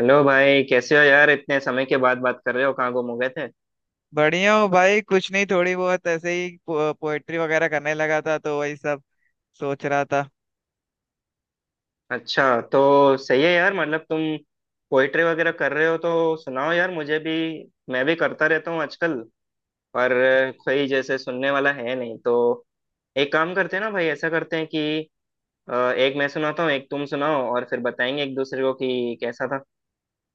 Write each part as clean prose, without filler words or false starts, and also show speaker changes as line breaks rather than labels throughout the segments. Hello भाई, कैसे हो यार? इतने समय के बाद बात कर रहे हो, कहाँ गुम हो गए थे।
बढ़िया हूँ भाई। कुछ नहीं, थोड़ी बहुत ऐसे ही पोएट्री वगैरह करने लगा था, तो वही सब सोच रहा था।
अच्छा, तो सही है यार। मतलब तुम पोइट्री वगैरह कर रहे हो तो सुनाओ यार, मुझे भी। मैं भी करता रहता हूँ आजकल, पर कोई जैसे सुनने वाला है नहीं। तो एक काम करते हैं ना भाई, ऐसा करते हैं कि एक मैं सुनाता हूँ, एक तुम सुनाओ, और फिर बताएंगे एक दूसरे को कि कैसा था।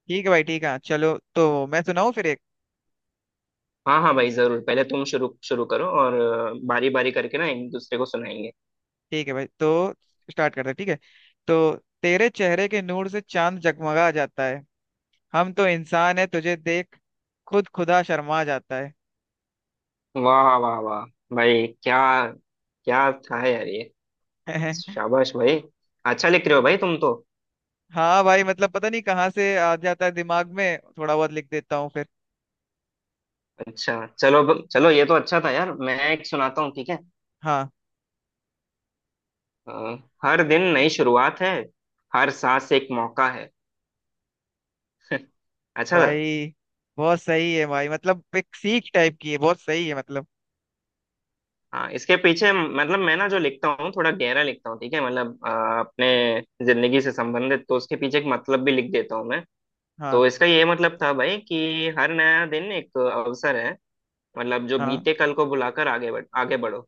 ठीक है भाई, ठीक है, चलो तो मैं सुनाऊँ फिर एक।
हाँ हाँ भाई, जरूर। पहले तुम शुरू शुरू करो, और बारी बारी करके ना एक दूसरे को सुनाएंगे।
ठीक है भाई, तो स्टार्ट करते हैं, ठीक है। तो तेरे चेहरे के नूर से चांद जगमगा जाता है। हम तो इंसान है, तुझे देख खुद खुदा शर्मा जाता है।
वाह वाह वाह भाई, क्या क्या था यार ये। शाबाश भाई, अच्छा लिख रहे हो भाई तुम तो।
हाँ भाई, मतलब पता नहीं कहाँ से आ जाता है दिमाग में, थोड़ा बहुत लिख देता हूँ फिर।
अच्छा, चलो, ये तो अच्छा था यार। मैं एक सुनाता हूँ, ठीक है।
हाँ
अ, हर दिन नई शुरुआत है, हर सांस एक मौका है। अच्छा।
भाई, बहुत सही है भाई, मतलब एक सीख टाइप की है, बहुत सही है मतलब।
हाँ, इसके पीछे मतलब मैं ना जो लिखता हूँ थोड़ा गहरा लिखता हूँ, ठीक है। मतलब अपने जिंदगी से संबंधित, तो उसके पीछे एक मतलब भी लिख देता हूँ मैं।
हाँ,
तो इसका ये मतलब था भाई कि हर नया दिन एक अवसर है। मतलब जो
हाँ।
बीते कल को भुलाकर आगे बढ़ो।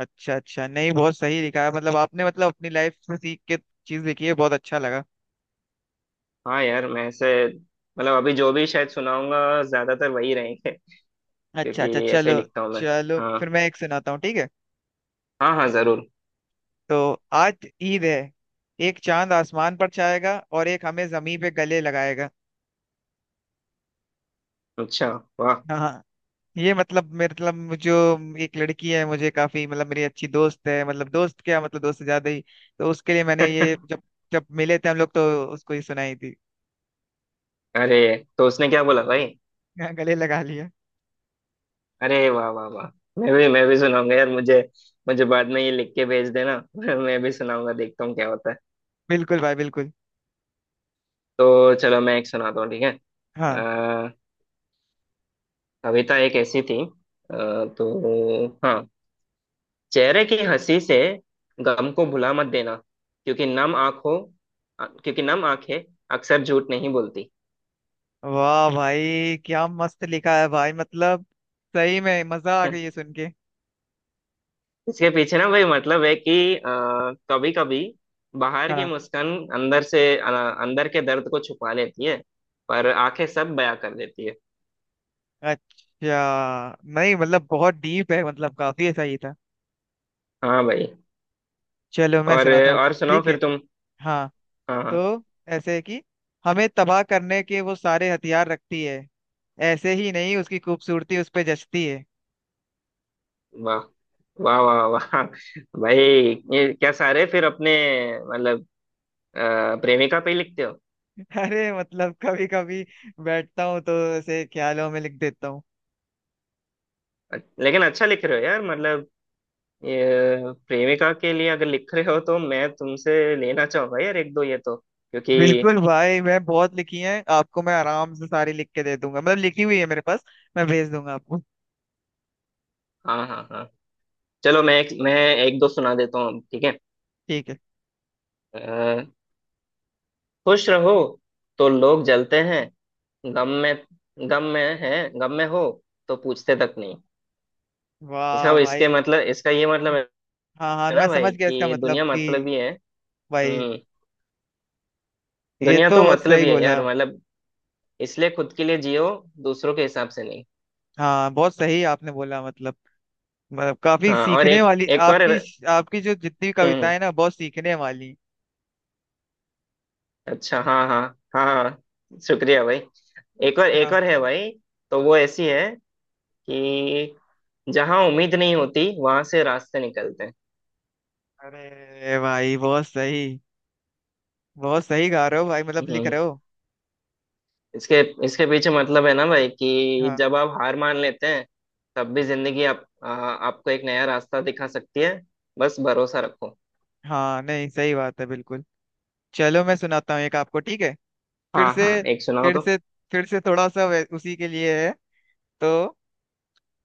अच्छा, अच्छा, नहीं बहुत सही लिखा है मतलब आपने, मतलब अपनी लाइफ में सीख के चीज लिखी है, बहुत अच्छा लगा।
हाँ यार, मैं ऐसे मतलब अभी जो भी शायद सुनाऊंगा, ज्यादातर वही रहेंगे,
अच्छा,
क्योंकि
अच्छा,
ऐसे ही
चलो।
लिखता हूँ मैं।
चलो
हाँ
फिर मैं एक सुनाता हूँ, ठीक है।
हाँ हाँ, जरूर।
तो आज ईद है। एक चांद आसमान पर छाएगा और एक हमें जमीन पे गले लगाएगा।
अच्छा। वाह।
हाँ, ये मतलब मेरे मतलब जो एक लड़की है, मुझे काफी मतलब मेरी अच्छी दोस्त है, मतलब दोस्त क्या, मतलब दोस्त से ज्यादा ही। तो उसके लिए मैंने ये जब, जब मिले थे हम लोग तो उसको ही सुनाई थी।
अरे, तो उसने क्या बोला भाई?
गले लगा लिया।
अरे वाह वाह वाह, मैं भी सुनाऊंगा यार। मुझे मुझे बाद में ये लिख के भेज देना। मैं भी सुनाऊंगा, देखता हूँ क्या होता है।
बिल्कुल भाई, बिल्कुल।
तो चलो, मैं एक सुनाता हूँ, ठीक है।
हाँ।
अ, कविता एक ऐसी थी, तो हाँ, चेहरे की हंसी से गम को भुला मत देना, क्योंकि नम आंखों क्योंकि नम आंखें अक्सर झूठ नहीं बोलती।
वाह भाई, क्या मस्त लिखा है भाई, मतलब सही में मजा आ गई है सुन के।
इसके पीछे ना भाई मतलब है कि कभी कभी बाहर की
हाँ,
मुस्कान अंदर अंदर के दर्द को छुपा लेती है, पर आंखें सब बयां कर देती है।
अच्छा, नहीं मतलब बहुत डीप है, मतलब काफी ऐसा ही था।
हाँ भाई।
चलो मैं
और
सुनाता हूँ,
और सुनाओ
ठीक
फिर
है।
तुम।
हाँ,
हाँ
तो
हाँ।
ऐसे है कि हमें तबाह करने के वो सारे हथियार रखती है। ऐसे ही नहीं उसकी खूबसूरती उस पे जचती है।
वाह वाह वाह वाह भाई। ये क्या, सारे फिर अपने मतलब प्रेमिका पे ही लिखते हो?
अरे मतलब कभी कभी बैठता हूँ तो ऐसे ख्यालों में लिख देता हूँ।
लेकिन अच्छा लिख रहे हो यार। मतलब ये प्रेमिका के लिए अगर लिख रहे हो तो मैं तुमसे लेना चाहूंगा यार एक दो ये तो, क्योंकि।
बिल्कुल भाई, मैं बहुत लिखी हैं आपको, मैं आराम से सारी लिख के दे दूंगा, मतलब लिखी हुई है मेरे पास। मैं भेज दूंगा आपको।
हाँ हाँ हाँ। चलो, मैं एक दो सुना देता हूँ, ठीक है।
ठीक है।
अ, खुश रहो तो लोग जलते हैं, गम में, गम में है गम में हो तो पूछते तक नहीं।
वाह भाई।
इसका ये मतलब है
हाँ हाँ
ना
मैं
भाई
समझ गया, इसका
कि
मतलब
दुनिया
कि।
मतलब ही है।
भाई,
हम्म
ये
दुनिया
तो
तो
बहुत
मतलब
सही
ही है
बोला।
यार। मतलब इसलिए खुद के लिए जियो, दूसरों के हिसाब से नहीं।
हाँ, बहुत सही आपने बोला, मतलब मतलब काफी
हाँ, और
सीखने
एक,
वाली
एक और।
आपकी, आपकी जो जितनी
हम्म
कविताएं हैं ना, बहुत सीखने वाली।
अच्छा, हाँ हाँ। हाँ हाँ, शुक्रिया भाई। एक और, एक
हाँ।
और है भाई। तो वो ऐसी है कि जहाँ उम्मीद नहीं होती वहां से रास्ते निकलते हैं।
अरे भाई बहुत सही, बहुत सही गा रहे हो भाई, मतलब लिख
हम्म
रहे हो।
इसके इसके पीछे मतलब है ना भाई, कि
हाँ,
जब आप हार मान लेते हैं तब भी जिंदगी आपको एक नया रास्ता दिखा सकती है, बस भरोसा रखो।
हाँ नहीं सही बात है बिल्कुल। चलो मैं सुनाता हूँ एक आपको, ठीक है। फिर
हाँ
से,
हाँ, एक सुनाओ
फिर
तो।
से, फिर से थोड़ा सा उसी के लिए है। तो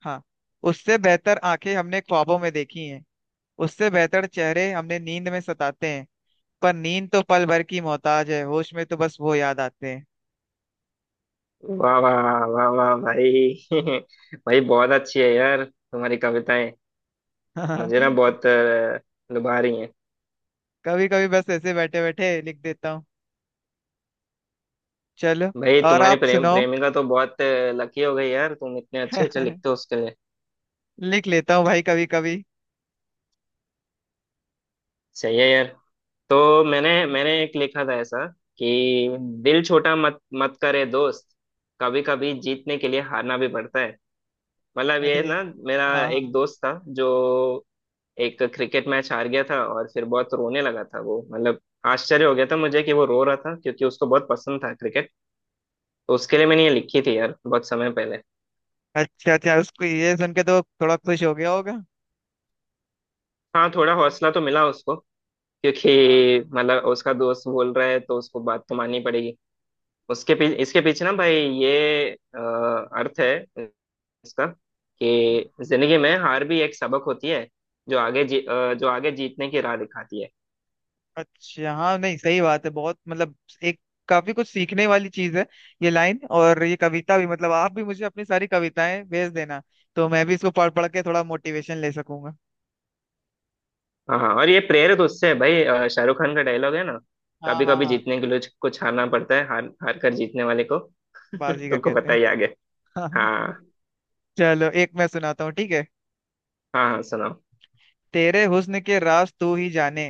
हाँ, उससे बेहतर आंखें हमने ख्वाबों में देखी हैं। उससे बेहतर चेहरे हमने नींद में सताते हैं। पर नींद तो पल भर की मोहताज है, होश में तो बस वो याद आते हैं।
वाह वाह वाह वाह भाई। भाई बहुत अच्छी है यार तुम्हारी कविताएं। मुझे ना बहुत लुभा रही हैं।
कभी कभी बस ऐसे बैठे बैठे लिख देता हूँ। चलो,
भाई
और
तुम्हारी
आप सुनाओ।
प्रेमिका तो बहुत लकी हो गई यार, तुम इतने अच्छे अच्छे लिखते हो उसके लिए।
लिख लेता हूँ भाई, कभी कभी।
सही है यार। तो मैंने मैंने एक लिखा था ऐसा, कि दिल छोटा मत मत करे दोस्त, कभी कभी जीतने के लिए हारना भी पड़ता है। मतलब
अरे।
ये ना, मेरा
हाँ,
एक
हाँ।
दोस्त था जो एक क्रिकेट मैच हार गया था और फिर बहुत रोने लगा था वो। मतलब आश्चर्य हो गया था मुझे कि वो रो रहा था, क्योंकि उसको बहुत पसंद था क्रिकेट। तो उसके लिए मैंने ये लिखी थी यार, बहुत समय पहले।
अच्छा, अच्छा, उसको ये सुन के तो थोड़ा खुश हो गया होगा।
हाँ, थोड़ा हौसला तो मिला उसको,
हाँ।
क्योंकि मतलब उसका दोस्त बोल रहा है तो उसको बात तो माननी पड़ेगी। उसके पीछे इसके पीछे ना भाई ये अ, अर्थ है इसका, कि जिंदगी में हार भी एक सबक होती है, जो जो आगे जीतने की राह दिखाती है।
अच्छा हाँ, नहीं सही बात है बहुत मतलब। एक काफी कुछ सीखने वाली चीज है ये लाइन और ये कविता भी। मतलब आप भी मुझे अपनी सारी कविताएं भेज देना, तो मैं भी इसको पढ़ पढ़ के थोड़ा मोटिवेशन ले सकूंगा।
हाँ हाँ, और ये प्रेरित उससे है भाई। शाहरुख खान का डायलॉग है ना,
हाँ
कभी
हाँ
कभी
हाँ,
जीतने के लिए कुछ हारना पड़ता है, हार हार कर जीतने वाले को।
बाजीगर
तुमको
कहते
पता
हैं।
ही आगे।
हाँ, हाँ।
हाँ
चलो एक मैं सुनाता हूँ, ठीक है।
हाँ। हाँ सुनाओ।
तेरे हुस्न के राज तू ही जाने।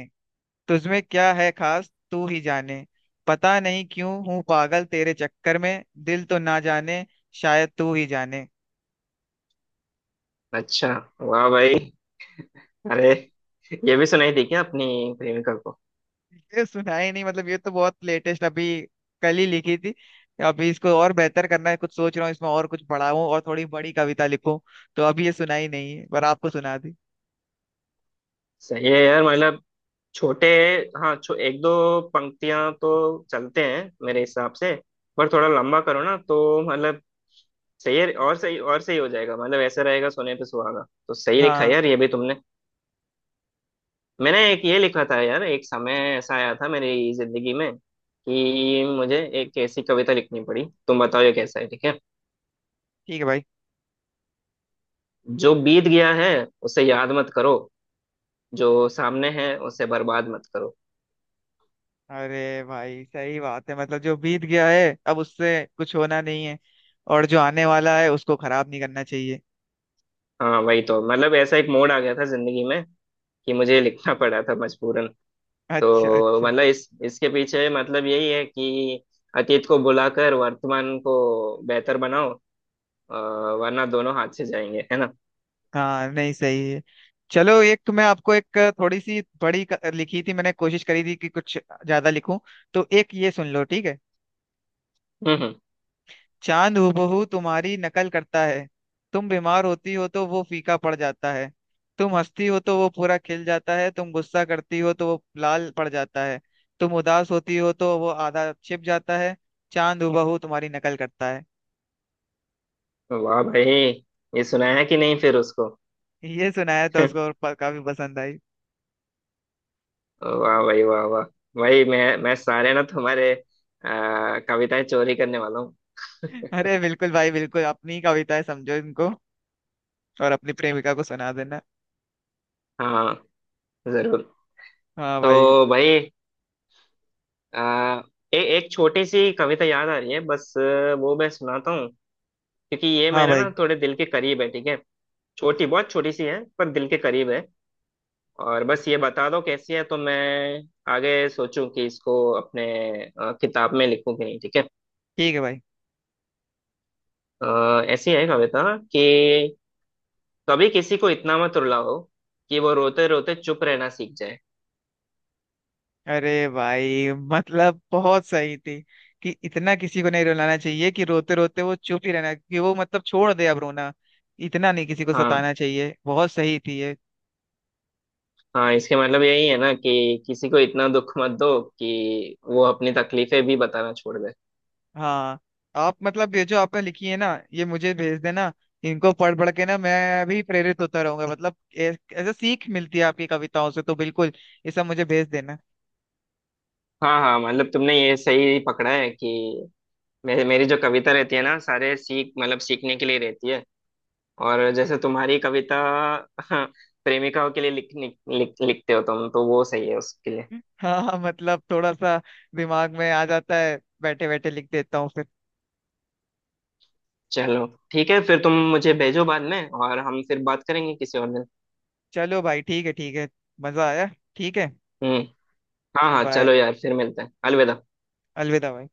तुझमें क्या है खास तू ही जाने। पता नहीं क्यों हूँ पागल तेरे चक्कर में, दिल तो ना जाने, शायद तू ही जाने।
अच्छा, वाह भाई। अरे, ये भी सुनाई थी क्या अपनी प्रेमिका को?
ये सुना ही नहीं, मतलब ये तो बहुत लेटेस्ट, अभी कल ही लिखी थी। अभी इसको और बेहतर करना है, कुछ सोच रहा हूँ इसमें और कुछ बढ़ाऊं और थोड़ी बड़ी कविता लिखूं। तो अभी ये सुना ही नहीं है, पर आपको सुना दी।
सही है यार। मतलब छोटे, हाँ, एक दो पंक्तियां तो चलते हैं मेरे हिसाब से, पर थोड़ा लंबा करो ना तो मतलब सही है और सही हो जाएगा। मतलब ऐसा रहेगा सोने पे सुहागा। तो सही लिखा है
हाँ।
यार, ये भी तुमने। मैंने एक ये लिखा था यार, एक समय ऐसा आया था मेरी जिंदगी में कि मुझे एक ऐसी कविता लिखनी पड़ी। तुम बताओ ये कैसा है, ठीक है।
ठीक है भाई।
जो बीत गया है उसे याद मत करो, जो सामने है उसे बर्बाद मत करो।
अरे भाई, सही बात है, मतलब जो बीत गया है अब उससे कुछ होना नहीं है। और जो आने वाला है उसको खराब नहीं करना चाहिए।
हाँ वही तो मतलब, ऐसा एक मोड़ आ गया था जिंदगी में कि मुझे लिखना पड़ा था मजबूरन।
अच्छा,
तो
अच्छा।
मतलब इस इसके पीछे मतलब यही है कि अतीत को बुलाकर वर्तमान को बेहतर बनाओ, अ, वरना दोनों हाथ से जाएंगे, है ना।
हाँ नहीं सही है। चलो एक मैं आपको एक थोड़ी सी बड़ी लिखी थी, मैंने कोशिश करी थी कि कुछ ज्यादा लिखूं। तो एक ये सुन लो, ठीक है।
हम्म
चांद हूबहू तुम्हारी नकल करता है। तुम बीमार होती हो तो वो फीका पड़ जाता है। तुम हंसती हो तो वो पूरा खिल जाता है, तुम गुस्सा करती हो तो वो लाल पड़ जाता है। तुम उदास होती हो तो वो आधा छिप जाता है। चांद हूबहू तुम्हारी नकल करता है।
वाह भाई। ये सुनाया है कि नहीं फिर उसको?
ये सुनाया था उसको और काफी पसंद आई।
वाह भाई, वाह वाह। भाई, मैं सारे ना तुम्हारे कविताएं चोरी करने वाला हूँ।
अरे बिल्कुल भाई, बिल्कुल अपनी कविता है, समझो इनको। और अपनी प्रेमिका को सुना देना।
हाँ जरूर।
हाँ भाई।
तो भाई आ, एक छोटी सी कविता याद आ रही है बस। वो मैं सुनाता हूँ क्योंकि ये
हाँ
मेरे ना
भाई।
थोड़े दिल के करीब है, ठीक है। छोटी बहुत छोटी सी है पर दिल के करीब है। और बस ये बता दो कैसी है, तो मैं आगे सोचूं कि इसको अपने किताब में लिखूं कि नहीं, ठीक है।
ठीक है भाई।
ऐसी है कविता, कि कभी किसी को इतना मत रुलाओ कि वो रोते रोते चुप रहना सीख जाए।
अरे भाई मतलब बहुत सही थी कि इतना किसी को नहीं रुलाना चाहिए कि रोते रोते वो चुप ही रहना, कि वो मतलब छोड़ दे अब रोना। इतना नहीं किसी को
हाँ,
सताना चाहिए, बहुत सही थी ये।
हाँ इसके मतलब यही है ना कि किसी को इतना दुख मत दो कि वो अपनी तकलीफें भी बताना छोड़ दे।
हाँ, आप मतलब ये जो आपने लिखी है ना, ये मुझे भेज देना। इनको पढ़ पढ़ के ना मैं भी प्रेरित होता रहूंगा, मतलब ऐसे सीख मिलती है आपकी कविताओं से तो बिल्कुल ये सब मुझे भेज देना।
हाँ हाँ, मतलब तुमने ये सही पकड़ा है कि मेरे मेरी जो कविता रहती है ना सारे सीख मतलब सीखने के लिए रहती है। और जैसे तुम्हारी कविता प्रेमिकाओं के लिए लिख, लिख, लिख, लिखते हो तुम, तो वो सही है उसके लिए।
हाँ हाँ, मतलब थोड़ा सा दिमाग में आ जाता है, बैठे बैठे लिख देता हूँ फिर।
चलो, ठीक है फिर। तुम मुझे भेजो बाद में, और हम फिर बात करेंगे किसी और दिन।
चलो भाई, ठीक है, ठीक है। मजा आया। ठीक है।
हम्म हाँ हाँ,
बाय।
चलो यार फिर मिलते हैं। अलविदा।
अलविदा भाई।